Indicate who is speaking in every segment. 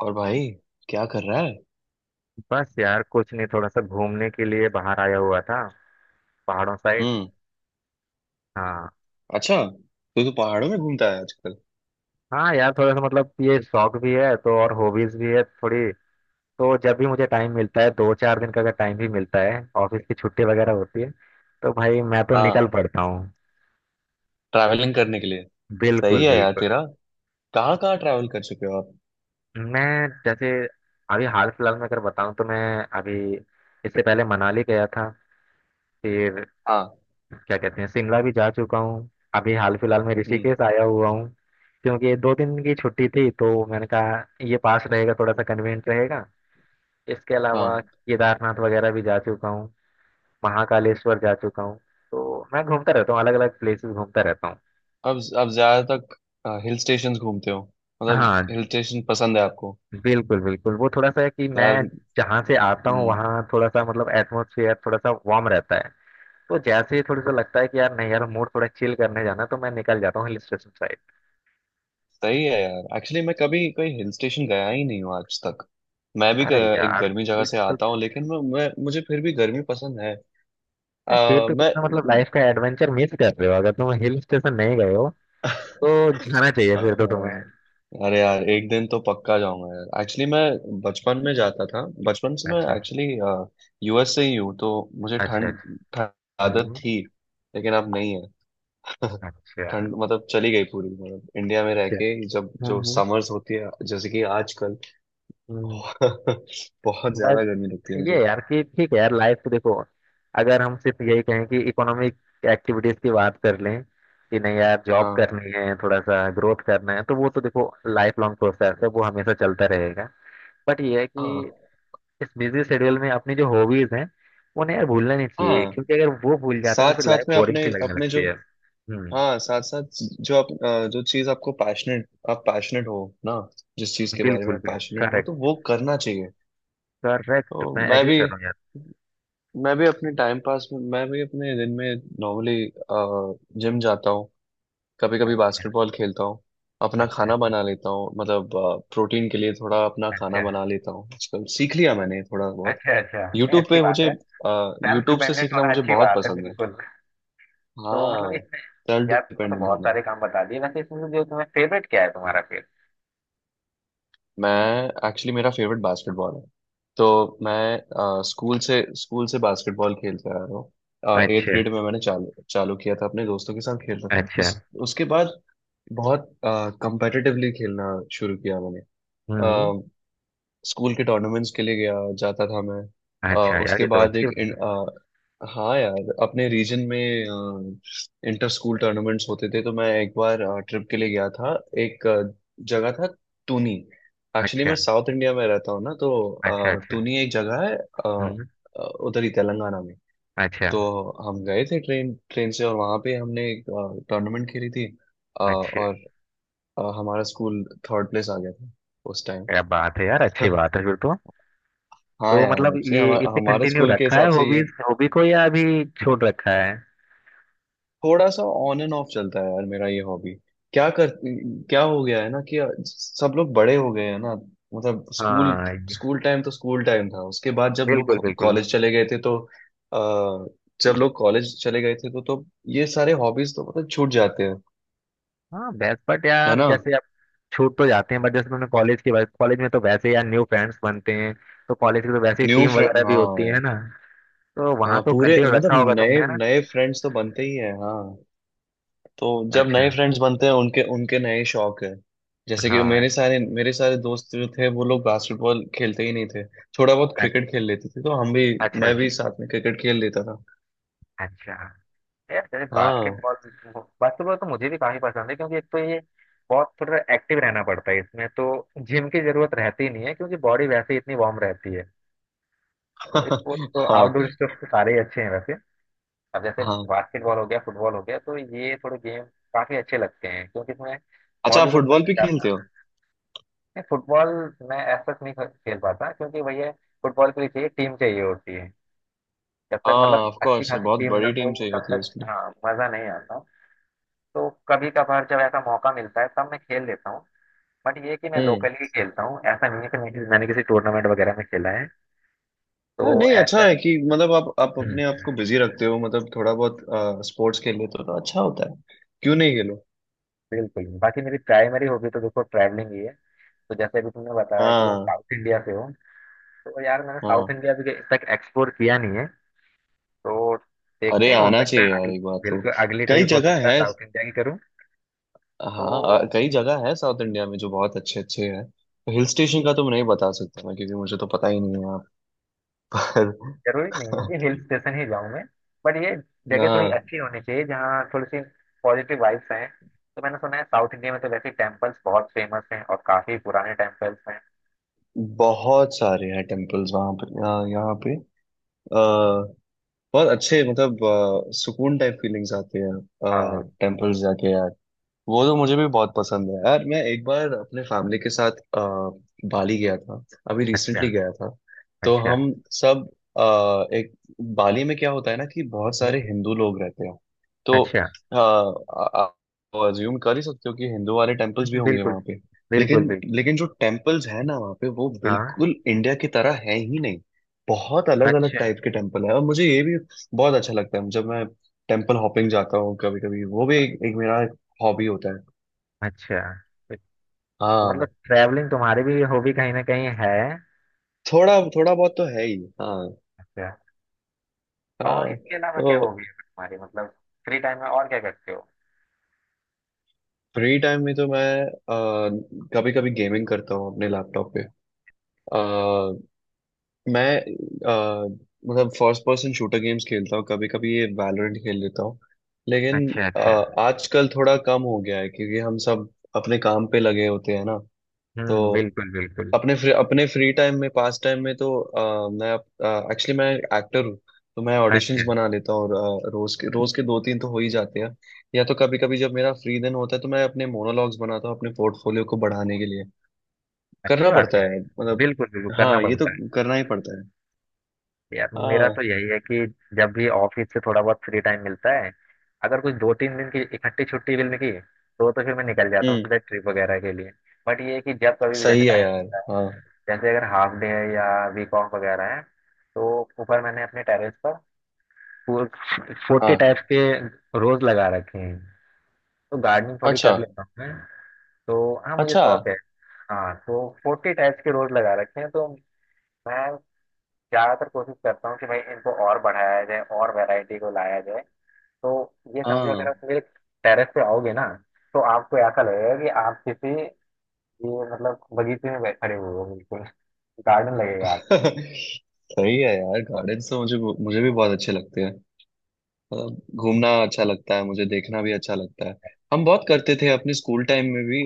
Speaker 1: और भाई क्या कर रहा है।
Speaker 2: बस यार कुछ नहीं, थोड़ा सा घूमने के लिए बाहर आया हुआ था। पहाड़ों साइड।
Speaker 1: हम्म।
Speaker 2: हाँ।
Speaker 1: अच्छा, तो तू पहाड़ों में घूमता है आजकल।
Speaker 2: हाँ यार, थोड़ा सा मतलब ये शौक भी है तो, और हॉबीज भी है थोड़ी। तो जब भी मुझे टाइम मिलता है, दो चार दिन का अगर टाइम भी मिलता है, ऑफिस की छुट्टी वगैरह होती है, तो भाई मैं तो निकल
Speaker 1: हाँ,
Speaker 2: पड़ता हूँ।
Speaker 1: ट्रैवलिंग करने के लिए। सही
Speaker 2: बिल्कुल
Speaker 1: है यार
Speaker 2: बिल्कुल।
Speaker 1: तेरा। कहाँ कहाँ ट्रैवल कर चुके हो आप?
Speaker 2: मैं जैसे अभी हाल फिलहाल में अगर बताऊँ तो मैं अभी, इससे पहले मनाली गया था, फिर
Speaker 1: हाँ।
Speaker 2: क्या कहते हैं, शिमला भी जा चुका हूँ, अभी हाल फिलहाल में
Speaker 1: हम्म।
Speaker 2: ऋषिकेश आया हुआ हूँ। क्योंकि ये 2 दिन की छुट्टी थी तो मैंने कहा ये पास रहेगा, थोड़ा सा कन्वीनियंट रहेगा। इसके अलावा
Speaker 1: हाँ।
Speaker 2: केदारनाथ वगैरह भी जा चुका हूँ, महाकालेश्वर जा चुका हूँ। तो मैं घूमता रहता हूँ, अलग अलग प्लेसेस घूमता रहता हूँ।
Speaker 1: अब ज्यादातर हिल स्टेशन घूमते हो, मतलब
Speaker 2: हाँ,
Speaker 1: हिल स्टेशन पसंद है आपको
Speaker 2: बिल्कुल बिल्कुल। वो थोड़ा सा है कि मैं
Speaker 1: यार?
Speaker 2: जहाँ से आता हूँ
Speaker 1: हम्म।
Speaker 2: वहाँ थोड़ा सा मतलब एटमोसफियर थोड़ा सा वार्म रहता है। तो जैसे ही थोड़ा सा लगता है कि यार नहीं यार, मूड थोड़ा चिल करने जाना है, तो मैं निकल जाता हूँ हिल स्टेशन साइड।
Speaker 1: सही है यार, एक्चुअली मैं कभी कोई हिल स्टेशन गया ही नहीं हूँ आज तक। मैं भी क-
Speaker 2: अरे
Speaker 1: एक
Speaker 2: यार,
Speaker 1: गर्मी जगह से आता हूँ, लेकिन मैं मुझे फिर भी गर्मी पसंद है।
Speaker 2: नहीं, फिर तो
Speaker 1: मैं
Speaker 2: तुमने मतलब लाइफ का एडवेंचर मिस कर रहे हो अगर तुम हिल स्टेशन नहीं गए हो तो। जाना चाहिए फिर तो तुम्हें।
Speaker 1: हाँ, अरे यार एक दिन तो पक्का जाऊंगा यार। एक्चुअली मैं बचपन में जाता था। बचपन से मैं
Speaker 2: अच्छा।
Speaker 1: एक्चुअली यूएस से ही हूँ, तो मुझे
Speaker 2: अच्छा अच्छा।
Speaker 1: ठंड ठंड आदत
Speaker 2: हम्म।
Speaker 1: थी, लेकिन अब नहीं है।
Speaker 2: अच्छा
Speaker 1: ठंड मतलब चली गई पूरी, मतलब इंडिया में रह
Speaker 2: अच्छा।
Speaker 1: के जब जो
Speaker 2: हम्म।
Speaker 1: समर्स होती है जैसे कि आजकल
Speaker 2: हम्म।
Speaker 1: बहुत
Speaker 2: बस
Speaker 1: ज्यादा गर्मी लगती है मुझे।
Speaker 2: ये यार कि ठीक है यार, लाइफ तो देखो, अगर हम सिर्फ यही कहें कि इकोनॉमिक एक्टिविटीज की बात कर लें कि नहीं यार जॉब
Speaker 1: हाँ।
Speaker 2: करनी है, थोड़ा सा ग्रोथ करना है, तो वो तो देखो लाइफ लॉन्ग प्रोसेस है, वो हमेशा चलता रहेगा। बट ये है कि
Speaker 1: हाँ।
Speaker 2: इस बिजी शेड्यूल में अपनी जो हॉबीज हैं उन्हें यार भूलना नहीं चाहिए,
Speaker 1: हाँ,
Speaker 2: क्योंकि अगर वो भूल जाते हैं
Speaker 1: साथ
Speaker 2: तो फिर
Speaker 1: साथ
Speaker 2: लाइफ
Speaker 1: में
Speaker 2: बोरिंग
Speaker 1: अपने
Speaker 2: सी लगने
Speaker 1: अपने
Speaker 2: लगती
Speaker 1: जो,
Speaker 2: है। हम्म।
Speaker 1: हाँ साथ साथ जो आप जो चीज आपको पैशनेट आप पैशनेट हो ना, जिस चीज के बारे
Speaker 2: बिल्कुल
Speaker 1: में आप
Speaker 2: बिल्कुल।
Speaker 1: पैशनेट हो तो
Speaker 2: करेक्ट
Speaker 1: वो करना चाहिए।
Speaker 2: करेक्ट,
Speaker 1: तो
Speaker 2: मैं
Speaker 1: मैं
Speaker 2: एग्री
Speaker 1: भी
Speaker 2: कर रहा हूँ यार।
Speaker 1: मैं भी अपने टाइम पास में, मैं भी अपने दिन में नॉर्मली जिम जाता हूँ, कभी कभी
Speaker 2: अच्छा
Speaker 1: बास्केटबॉल खेलता हूँ, अपना
Speaker 2: अच्छा।
Speaker 1: खाना बना लेता हूँ, मतलब प्रोटीन के लिए थोड़ा अपना खाना
Speaker 2: अच्छा
Speaker 1: बना लेता हूँ। आजकल सीख लिया मैंने थोड़ा बहुत।
Speaker 2: अच्छा अच्छा। नहीं
Speaker 1: यूट्यूब
Speaker 2: अच्छी
Speaker 1: पे
Speaker 2: बात
Speaker 1: मुझे
Speaker 2: है। सेल्फ
Speaker 1: यूट्यूब से
Speaker 2: डिपेंडेंट
Speaker 1: सीखना
Speaker 2: होना
Speaker 1: मुझे
Speaker 2: अच्छी
Speaker 1: बहुत
Speaker 2: बात है
Speaker 1: पसंद है।
Speaker 2: बिल्कुल। तो मतलब
Speaker 1: हाँ।
Speaker 2: इसमें
Speaker 1: सेल्फ
Speaker 2: यार तुमने तो
Speaker 1: डिपेंडेंट
Speaker 2: बहुत
Speaker 1: होना।
Speaker 2: सारे काम बता दिए वैसे, इसमें से जो तुम्हें फेवरेट क्या है तुम्हारा फिर?
Speaker 1: मैं एक्चुअली, मेरा फेवरेट बास्केटबॉल है। तो मैं स्कूल से बास्केटबॉल खेलते आ रहा हूँ। एट्थ
Speaker 2: अच्छा
Speaker 1: ग्रेड में मैंने चालू चालू किया था, अपने दोस्तों के साथ खेलता था
Speaker 2: अच्छा।
Speaker 1: इस। उसके बाद बहुत कंपेटिटिवली खेलना शुरू किया मैंने।
Speaker 2: हम्म।
Speaker 1: स्कूल के टूर्नामेंट्स के लिए गया, जाता था मैं। अ,
Speaker 2: अच्छा यार,
Speaker 1: उसके
Speaker 2: ये तो
Speaker 1: बाद
Speaker 2: अच्छी
Speaker 1: एक
Speaker 2: बात है।
Speaker 1: हाँ यार अपने रीजन में इंटर स्कूल टूर्नामेंट्स होते थे, तो मैं एक बार ट्रिप के लिए गया था। एक जगह था, टूनी। एक्चुअली मैं
Speaker 2: अच्छा
Speaker 1: साउथ इंडिया में रहता हूँ ना, तो
Speaker 2: अच्छा। अच्छा
Speaker 1: टूनी एक जगह है,
Speaker 2: हम्म।
Speaker 1: उधर ही तेलंगाना में।
Speaker 2: अच्छा
Speaker 1: तो हम गए थे ट्रेन ट्रेन से, और वहाँ पे हमने एक टूर्नामेंट खेली थी।
Speaker 2: अच्छा।
Speaker 1: और हमारा स्कूल थर्ड प्लेस आ गया था उस टाइम।
Speaker 2: क्या बात है यार, अच्छी बात है फिर तो।
Speaker 1: हाँ
Speaker 2: तो
Speaker 1: यार,
Speaker 2: मतलब
Speaker 1: एक्चुअली
Speaker 2: ये
Speaker 1: हमारे
Speaker 2: इसे
Speaker 1: हमारे
Speaker 2: कंटिन्यू
Speaker 1: स्कूल के
Speaker 2: रखा है
Speaker 1: हिसाब से ये
Speaker 2: हॉबीज हॉबी को, या अभी छोड़ रखा है?
Speaker 1: थोड़ा सा ऑन एंड ऑफ चलता है यार मेरा ये हॉबी। क्या कर क्या हो गया है ना कि सब लोग बड़े हो गए हैं ना, मतलब स्कूल,
Speaker 2: हाँ।
Speaker 1: स्कूल टाइम तो स्कूल टाइम था। उसके बाद जब
Speaker 2: बिल्कुल
Speaker 1: लोग
Speaker 2: बिल्कुल।
Speaker 1: कॉलेज चले गए थे तो अ, जब लोग कॉलेज चले गए थे तो ये सारे हॉबीज तो मतलब छूट जाते हैं,
Speaker 2: हाँ बेस्ट, बट
Speaker 1: है
Speaker 2: यार
Speaker 1: ना।
Speaker 2: जैसे आप, छूट तो जाते हैं बट जैसे तुमने कॉलेज की बात, कॉलेज में तो वैसे यार न्यू फ्रेंड्स बनते हैं। तो कॉलेज की तो वैसे ही
Speaker 1: न्यू
Speaker 2: टीम
Speaker 1: फ्रेंड,
Speaker 2: वगैरह भी होती
Speaker 1: हाँ।
Speaker 2: है ना, तो वहां
Speaker 1: हाँ
Speaker 2: तो
Speaker 1: पूरे,
Speaker 2: कंटिन्यू
Speaker 1: मतलब
Speaker 2: रखा होगा
Speaker 1: नए
Speaker 2: तुमने, है ना?
Speaker 1: नए फ्रेंड्स तो बनते ही हैं, हाँ। तो जब
Speaker 2: अच्छा।
Speaker 1: नए फ्रेंड्स बनते हैं उनके उनके नए शौक है। जैसे कि
Speaker 2: हाँ।
Speaker 1: मेरे सारे दोस्त जो थे वो लोग बास्केटबॉल खेलते ही नहीं थे, थोड़ा बहुत
Speaker 2: अच्छा
Speaker 1: क्रिकेट खेल लेते थे, तो हम भी,
Speaker 2: अच्छा।
Speaker 1: मैं
Speaker 2: अच्छा।
Speaker 1: भी साथ में क्रिकेट खेल लेता था।
Speaker 2: अच्छा यार, जैसे
Speaker 1: हाँ।
Speaker 2: बास्केटबॉल, बास्केटबॉल तो मुझे भी काफी पसंद है, क्योंकि एक तो ये बहुत, थोड़ा एक्टिव रहना पड़ता है इसमें, तो जिम की जरूरत रहती ही नहीं है क्योंकि बॉडी वैसे ही इतनी वार्म रहती है। तो स्पोर्ट्स तो,
Speaker 1: हाँ।
Speaker 2: आउटडोर स्पोर्ट्स तो सारे ही अच्छे हैं वैसे। अब जैसे
Speaker 1: हाँ।
Speaker 2: बास्केटबॉल हो गया, फुटबॉल हो गया, तो ये थोड़े गेम काफी अच्छे लगते हैं, क्योंकि इसमें
Speaker 1: अच्छा, आप
Speaker 2: बॉडी को थोड़ा
Speaker 1: फुटबॉल
Speaker 2: सा
Speaker 1: भी खेलते
Speaker 2: ज्यादा।
Speaker 1: हो?
Speaker 2: नहीं, फुटबॉल मैं ऐसा नहीं खेल पाता, क्योंकि भैया फुटबॉल के लिए चाहिए, टीम चाहिए होती है, जब
Speaker 1: हाँ,
Speaker 2: तक मतलब
Speaker 1: ऑफ
Speaker 2: अच्छी
Speaker 1: कोर्स
Speaker 2: खासी
Speaker 1: बहुत
Speaker 2: टीम ना
Speaker 1: बड़ी
Speaker 2: हो
Speaker 1: टीम चाहिए
Speaker 2: तब
Speaker 1: होती है
Speaker 2: तक
Speaker 1: उसके लिए।
Speaker 2: हाँ मजा नहीं आता। तो कभी कभार जब ऐसा मौका मिलता है तब मैं खेल लेता हूँ। बट ये है कि मैं
Speaker 1: हम्म।
Speaker 2: लोकली ही खेलता हूँ, ऐसा नहीं है कि मैं मैंने किसी टूर्नामेंट वगैरह में खेला है। तो
Speaker 1: हाँ नहीं अच्छा
Speaker 2: ऐसा।
Speaker 1: है कि मतलब आप
Speaker 2: हम्म।
Speaker 1: अपने आप को बिजी रखते हो, मतलब थोड़ा बहुत स्पोर्ट्स खेल लेते हो तो अच्छा होता है, क्यों नहीं खेलो।
Speaker 2: बिल्कुल नहीं। बाकी मेरी प्राइमरी हॉबी तो देखो ट्रैवलिंग ही है। तो जैसे अभी तुमने बताया कि तुम
Speaker 1: हाँ।
Speaker 2: साउथ इंडिया से हो, तो यार मैंने साउथ
Speaker 1: हाँ,
Speaker 2: इंडिया अभी तक एक्सप्लोर किया नहीं है। तो देखते
Speaker 1: अरे
Speaker 2: हैं, हो
Speaker 1: आना
Speaker 2: सकता है
Speaker 1: चाहिए यार
Speaker 2: अगली,
Speaker 1: एक बार तो।
Speaker 2: बिल्कुल अगली
Speaker 1: कई
Speaker 2: ट्रिप हो
Speaker 1: जगह
Speaker 2: सकता है
Speaker 1: है,
Speaker 2: साउथ इंडिया की करूँ।
Speaker 1: हाँ
Speaker 2: तो
Speaker 1: कई जगह है साउथ इंडिया में जो बहुत अच्छे अच्छे हैं। हिल स्टेशन का तो मैं नहीं बता सकता मैं, क्योंकि मुझे तो पता ही नहीं है यहाँ पर।
Speaker 2: जरूरी नहीं है कि हिल स्टेशन ही जाऊं मैं, बट ये जगह थोड़ी
Speaker 1: यहाँ
Speaker 2: अच्छी होनी चाहिए जहाँ थोड़ी सी पॉजिटिव वाइब्स हैं। तो मैंने सुना है साउथ इंडिया में तो वैसे टेम्पल्स बहुत फेमस हैं, और काफी पुराने टेम्पल्स हैं।
Speaker 1: बहुत सारे हैं टेम्पल्स वहाँ पे, यहाँ यहाँ पे अ, बहुत अच्छे, मतलब सुकून टाइप फीलिंग्स आती है
Speaker 2: हाँ।
Speaker 1: टेम्पल्स जाके यार। वो तो मुझे भी बहुत पसंद है यार। मैं एक बार अपने फैमिली के साथ बाली गया था, अभी
Speaker 2: अच्छा
Speaker 1: रिसेंटली गया था। तो
Speaker 2: अच्छा।
Speaker 1: हम सब अ, एक बाली में क्या होता है ना कि बहुत
Speaker 2: हम्म,
Speaker 1: सारे हिंदू लोग रहते हैं, तो
Speaker 2: अच्छा।
Speaker 1: आप अज्यूम कर ही सकते हो कि हिंदू वाले टेम्पल्स भी होंगे
Speaker 2: बिल्कुल।
Speaker 1: वहाँ पे।
Speaker 2: बिल्कुल
Speaker 1: लेकिन,
Speaker 2: बिल्कुल।
Speaker 1: लेकिन जो टेम्पल्स है ना वहाँ पे वो
Speaker 2: हाँ।
Speaker 1: बिल्कुल इंडिया की तरह है ही नहीं। बहुत अलग अलग
Speaker 2: अच्छा
Speaker 1: टाइप के टेम्पल है, और मुझे ये भी बहुत अच्छा लगता है जब मैं टेम्पल हॉपिंग जाता हूँ कभी कभी, वो भी एक मेरा हॉबी होता है।
Speaker 2: अच्छा। तो मतलब
Speaker 1: हाँ।
Speaker 2: ट्रैवलिंग तुम्हारी भी हॉबी कहीं ना कहीं है।
Speaker 1: थोड़ा थोड़ा बहुत तो है ही, हाँ।
Speaker 2: अच्छा। और
Speaker 1: हाँ।
Speaker 2: इसके अलावा क्या
Speaker 1: तो
Speaker 2: हॉबी है तुम्हारी, मतलब फ्री टाइम में और क्या करते हो?
Speaker 1: फ्री टाइम में तो मैं कभी कभी गेमिंग करता हूँ अपने लैपटॉप पे। अ, मैं अ, मतलब फर्स्ट पर्सन शूटर गेम्स खेलता हूँ, कभी कभी ये वैलोरेंट खेल लेता हूँ। लेकिन
Speaker 2: अच्छा
Speaker 1: अ,
Speaker 2: अच्छा।
Speaker 1: आजकल थोड़ा कम हो गया है क्योंकि हम सब अपने काम पे लगे होते हैं ना। तो
Speaker 2: हम्म, बिल्कुल बिल्कुल।
Speaker 1: अपने फ्री टाइम में, पास टाइम में तो मैं एक्टर हूँ, तो मैं
Speaker 2: अच्छा।
Speaker 1: ऑडिशंस बना लेता हूँ, और रोज के दो तीन तो हो ही जाते हैं, या तो कभी कभी जब मेरा फ्री दिन होता है तो मैं अपने मोनोलॉग्स बनाता हूँ अपने पोर्टफोलियो को बढ़ाने के लिए।
Speaker 2: अच्छी
Speaker 1: करना
Speaker 2: बात
Speaker 1: पड़ता
Speaker 2: है
Speaker 1: है
Speaker 2: यार।
Speaker 1: मतलब।
Speaker 2: बिल्कुल बिल्कुल, करना
Speaker 1: हाँ ये तो
Speaker 2: पड़ता है।
Speaker 1: करना ही पड़ता है।
Speaker 2: यार मेरा तो
Speaker 1: हाँ।
Speaker 2: यही है कि जब भी ऑफिस से थोड़ा बहुत फ्री टाइम मिलता है, अगर कुछ दो तीन दिन की इकट्ठी छुट्टी मिल गई तो फिर मैं निकल जाता हूँ
Speaker 1: हम्म।
Speaker 2: सीधा ट्रिप वगैरह के लिए। बट ये है कि जब कभी भी जैसे
Speaker 1: सही है
Speaker 2: टाइम
Speaker 1: यार।
Speaker 2: मिलता है,
Speaker 1: हाँ।
Speaker 2: जैसे अगर हाफ डे है या वीक ऑफ वगैरह है, तो ऊपर मैंने अपने टेरेस पर फोर्टी
Speaker 1: हाँ।
Speaker 2: टाइप्स के रोज लगा रखे हैं, तो गार्डनिंग थोड़ी कर
Speaker 1: अच्छा
Speaker 2: लेता हूँ मैं। तो हाँ, मुझे
Speaker 1: अच्छा।
Speaker 2: शौक है। हाँ तो 40 टाइप्स के रोज लगा रखे हैं। तो मैं ज़्यादातर कोशिश करता हूँ कि भाई इनको और बढ़ाया जाए, और वैरायटी को लाया जाए। तो ये समझो, अगर
Speaker 1: हाँ।
Speaker 2: आप मेरे टेरेस पे आओगे ना, तो आपको ऐसा लगेगा कि आप किसी, ये मतलब बगीचे में खड़े हुए हो, बिल्कुल गार्डन लगेगा आप।
Speaker 1: सही है यार, गार्डन तो मुझे, मुझे भी बहुत अच्छे लगते हैं। अ, घूमना अच्छा लगता है मुझे, देखना भी अच्छा लगता है। हम बहुत करते थे अपने स्कूल टाइम में भी,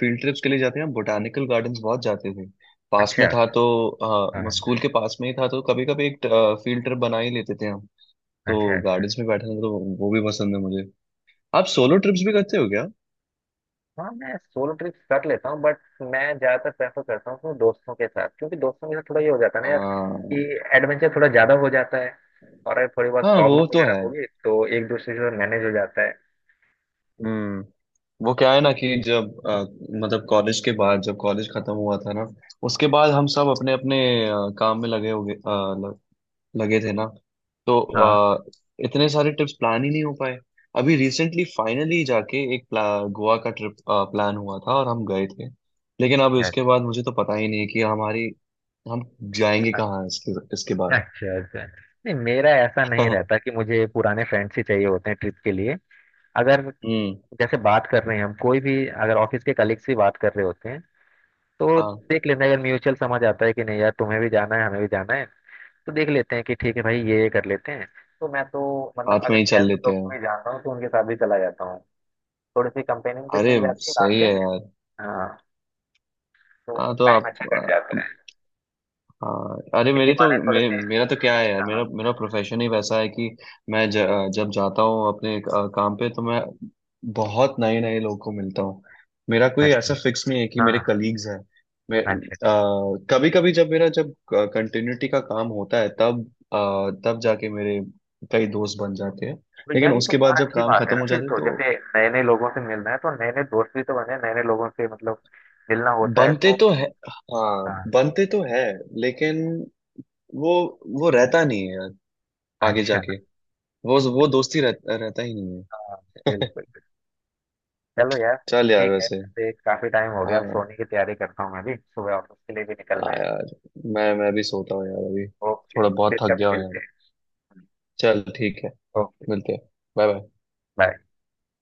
Speaker 1: फील्ड ट्रिप्स के लिए जाते हैं, हम बोटानिकल गार्डन्स बहुत जाते थे, पास
Speaker 2: अच्छा।
Speaker 1: में था तो
Speaker 2: हाँ।
Speaker 1: स्कूल के पास में ही था तो कभी कभी एक फील्ड ट्रिप बना ही लेते थे हम।
Speaker 2: अच्छा
Speaker 1: तो
Speaker 2: अच्छा।
Speaker 1: गार्डन्स में बैठना तो, वो भी पसंद है मुझे। आप सोलो ट्रिप्स भी करते हो क्या?
Speaker 2: हाँ मैं सोलो ट्रिप कर लेता हूँ, बट मैं ज्यादातर प्रेफर करता हूँ अपने दोस्तों के साथ, क्योंकि दोस्तों के साथ थोड़ा ये हो जाता है ना यार कि
Speaker 1: हाँ।
Speaker 2: एडवेंचर थोड़ा ज्यादा हो जाता है, और अगर थोड़ी बहुत
Speaker 1: हाँ
Speaker 2: प्रॉब्लम
Speaker 1: वो तो
Speaker 2: वगैरह
Speaker 1: है।
Speaker 2: होगी तो एक दूसरे से मैनेज हो जाता है।
Speaker 1: हम्म। वो क्या है ना कि मतलब कॉलेज के बाद जब कॉलेज खत्म हुआ था ना, उसके बाद हम सब अपने अपने अ, काम में लगे हो गए, लगे थे ना, तो
Speaker 2: हाँ।
Speaker 1: इतने सारे ट्रिप्स प्लान ही नहीं हो पाए। अभी रिसेंटली फाइनली जाके एक गोवा का ट्रिप प्लान हुआ था और हम गए थे। लेकिन अब
Speaker 2: अच्छा
Speaker 1: उसके बाद मुझे तो पता ही नहीं कि हमारी, हम जाएंगे कहाँ इसके इसके बाद।
Speaker 2: अच्छा अच्छा। अच्छा। नहीं मेरा ऐसा नहीं रहता कि मुझे पुराने फ्रेंड्स ही चाहिए होते हैं ट्रिप के लिए। अगर
Speaker 1: हम्म।
Speaker 2: जैसे बात कर रहे हैं हम, कोई भी अगर ऑफिस के कलीग्स ही बात कर रहे होते हैं तो
Speaker 1: हाँ,
Speaker 2: देख लेते हैं, अगर म्यूचुअल समझ आता है कि नहीं यार तुम्हें भी जाना है हमें भी जाना है, तो देख लेते हैं कि ठीक है भाई ये कर लेते हैं। तो मैं तो मतलब
Speaker 1: हाथ
Speaker 2: अगर
Speaker 1: में ही चल
Speaker 2: कैजुअल
Speaker 1: लेते
Speaker 2: लोग को भी
Speaker 1: हैं।
Speaker 2: जानता हूँ तो उनके साथ भी चला जाता हूँ, थोड़ी सी कंपेनियनशिप
Speaker 1: अरे,
Speaker 2: मिल जाती है
Speaker 1: सही
Speaker 2: रास्ते
Speaker 1: है
Speaker 2: में।
Speaker 1: यार।
Speaker 2: हाँ।
Speaker 1: हाँ
Speaker 2: तो
Speaker 1: तो
Speaker 2: टाइम अच्छा कट जाता
Speaker 1: आप,
Speaker 2: है,
Speaker 1: हाँ, अरे
Speaker 2: इसी बहाने थोड़े से।
Speaker 1: मेरा तो क्या है यार,
Speaker 2: हाँ।
Speaker 1: मेरा मेरा प्रोफेशन ही वैसा है कि मैं ज, जब जाता हूँ अपने काम पे तो मैं बहुत नए नए लोग को मिलता हूँ। मेरा कोई
Speaker 2: अच्छा।
Speaker 1: ऐसा फिक्स नहीं है कि मेरे
Speaker 2: हाँ।
Speaker 1: कलीग्स हैं। मैं
Speaker 2: हाँ
Speaker 1: कभी कभी जब मेरा जब कंटिन्यूटी का काम होता है तब तब जाके मेरे कई दोस्त बन जाते हैं।
Speaker 2: तो
Speaker 1: लेकिन
Speaker 2: यार ये तो
Speaker 1: उसके बाद
Speaker 2: और
Speaker 1: जब
Speaker 2: अच्छी
Speaker 1: काम
Speaker 2: बात है
Speaker 1: खत्म
Speaker 2: ना
Speaker 1: हो
Speaker 2: फिर
Speaker 1: जाते हैं
Speaker 2: तो,
Speaker 1: तो,
Speaker 2: जैसे नए नए लोगों से मिलना है तो नए नए दोस्त भी तो बने, नए नए लोगों से मतलब मिलना होता है
Speaker 1: बनते
Speaker 2: तो।
Speaker 1: तो है, हाँ
Speaker 2: हाँ।
Speaker 1: बनते तो है, लेकिन वो वो रहता नहीं है यार आगे
Speaker 2: अच्छा।
Speaker 1: जाके। वो रहता ही नहीं
Speaker 2: हाँ बिल्कुल
Speaker 1: है।
Speaker 2: बिल्कुल। चलो यार,
Speaker 1: चल यार
Speaker 2: ठीक है,
Speaker 1: वैसे।
Speaker 2: वैसे काफी टाइम हो गया, अब
Speaker 1: हाँ।
Speaker 2: सोने की तैयारी करता हूँ, मैं भी सुबह ऑफिस के लिए भी निकलना
Speaker 1: हाँ
Speaker 2: है।
Speaker 1: यार, मैं भी सोता हूँ यार अभी,
Speaker 2: ओके,
Speaker 1: थोड़ा बहुत
Speaker 2: फिर
Speaker 1: थक
Speaker 2: कभी
Speaker 1: गया हूँ यार।
Speaker 2: मिलते हैं।
Speaker 1: चल ठीक है,
Speaker 2: ओके।
Speaker 1: मिलते हैं। Bye bye.
Speaker 2: बाय।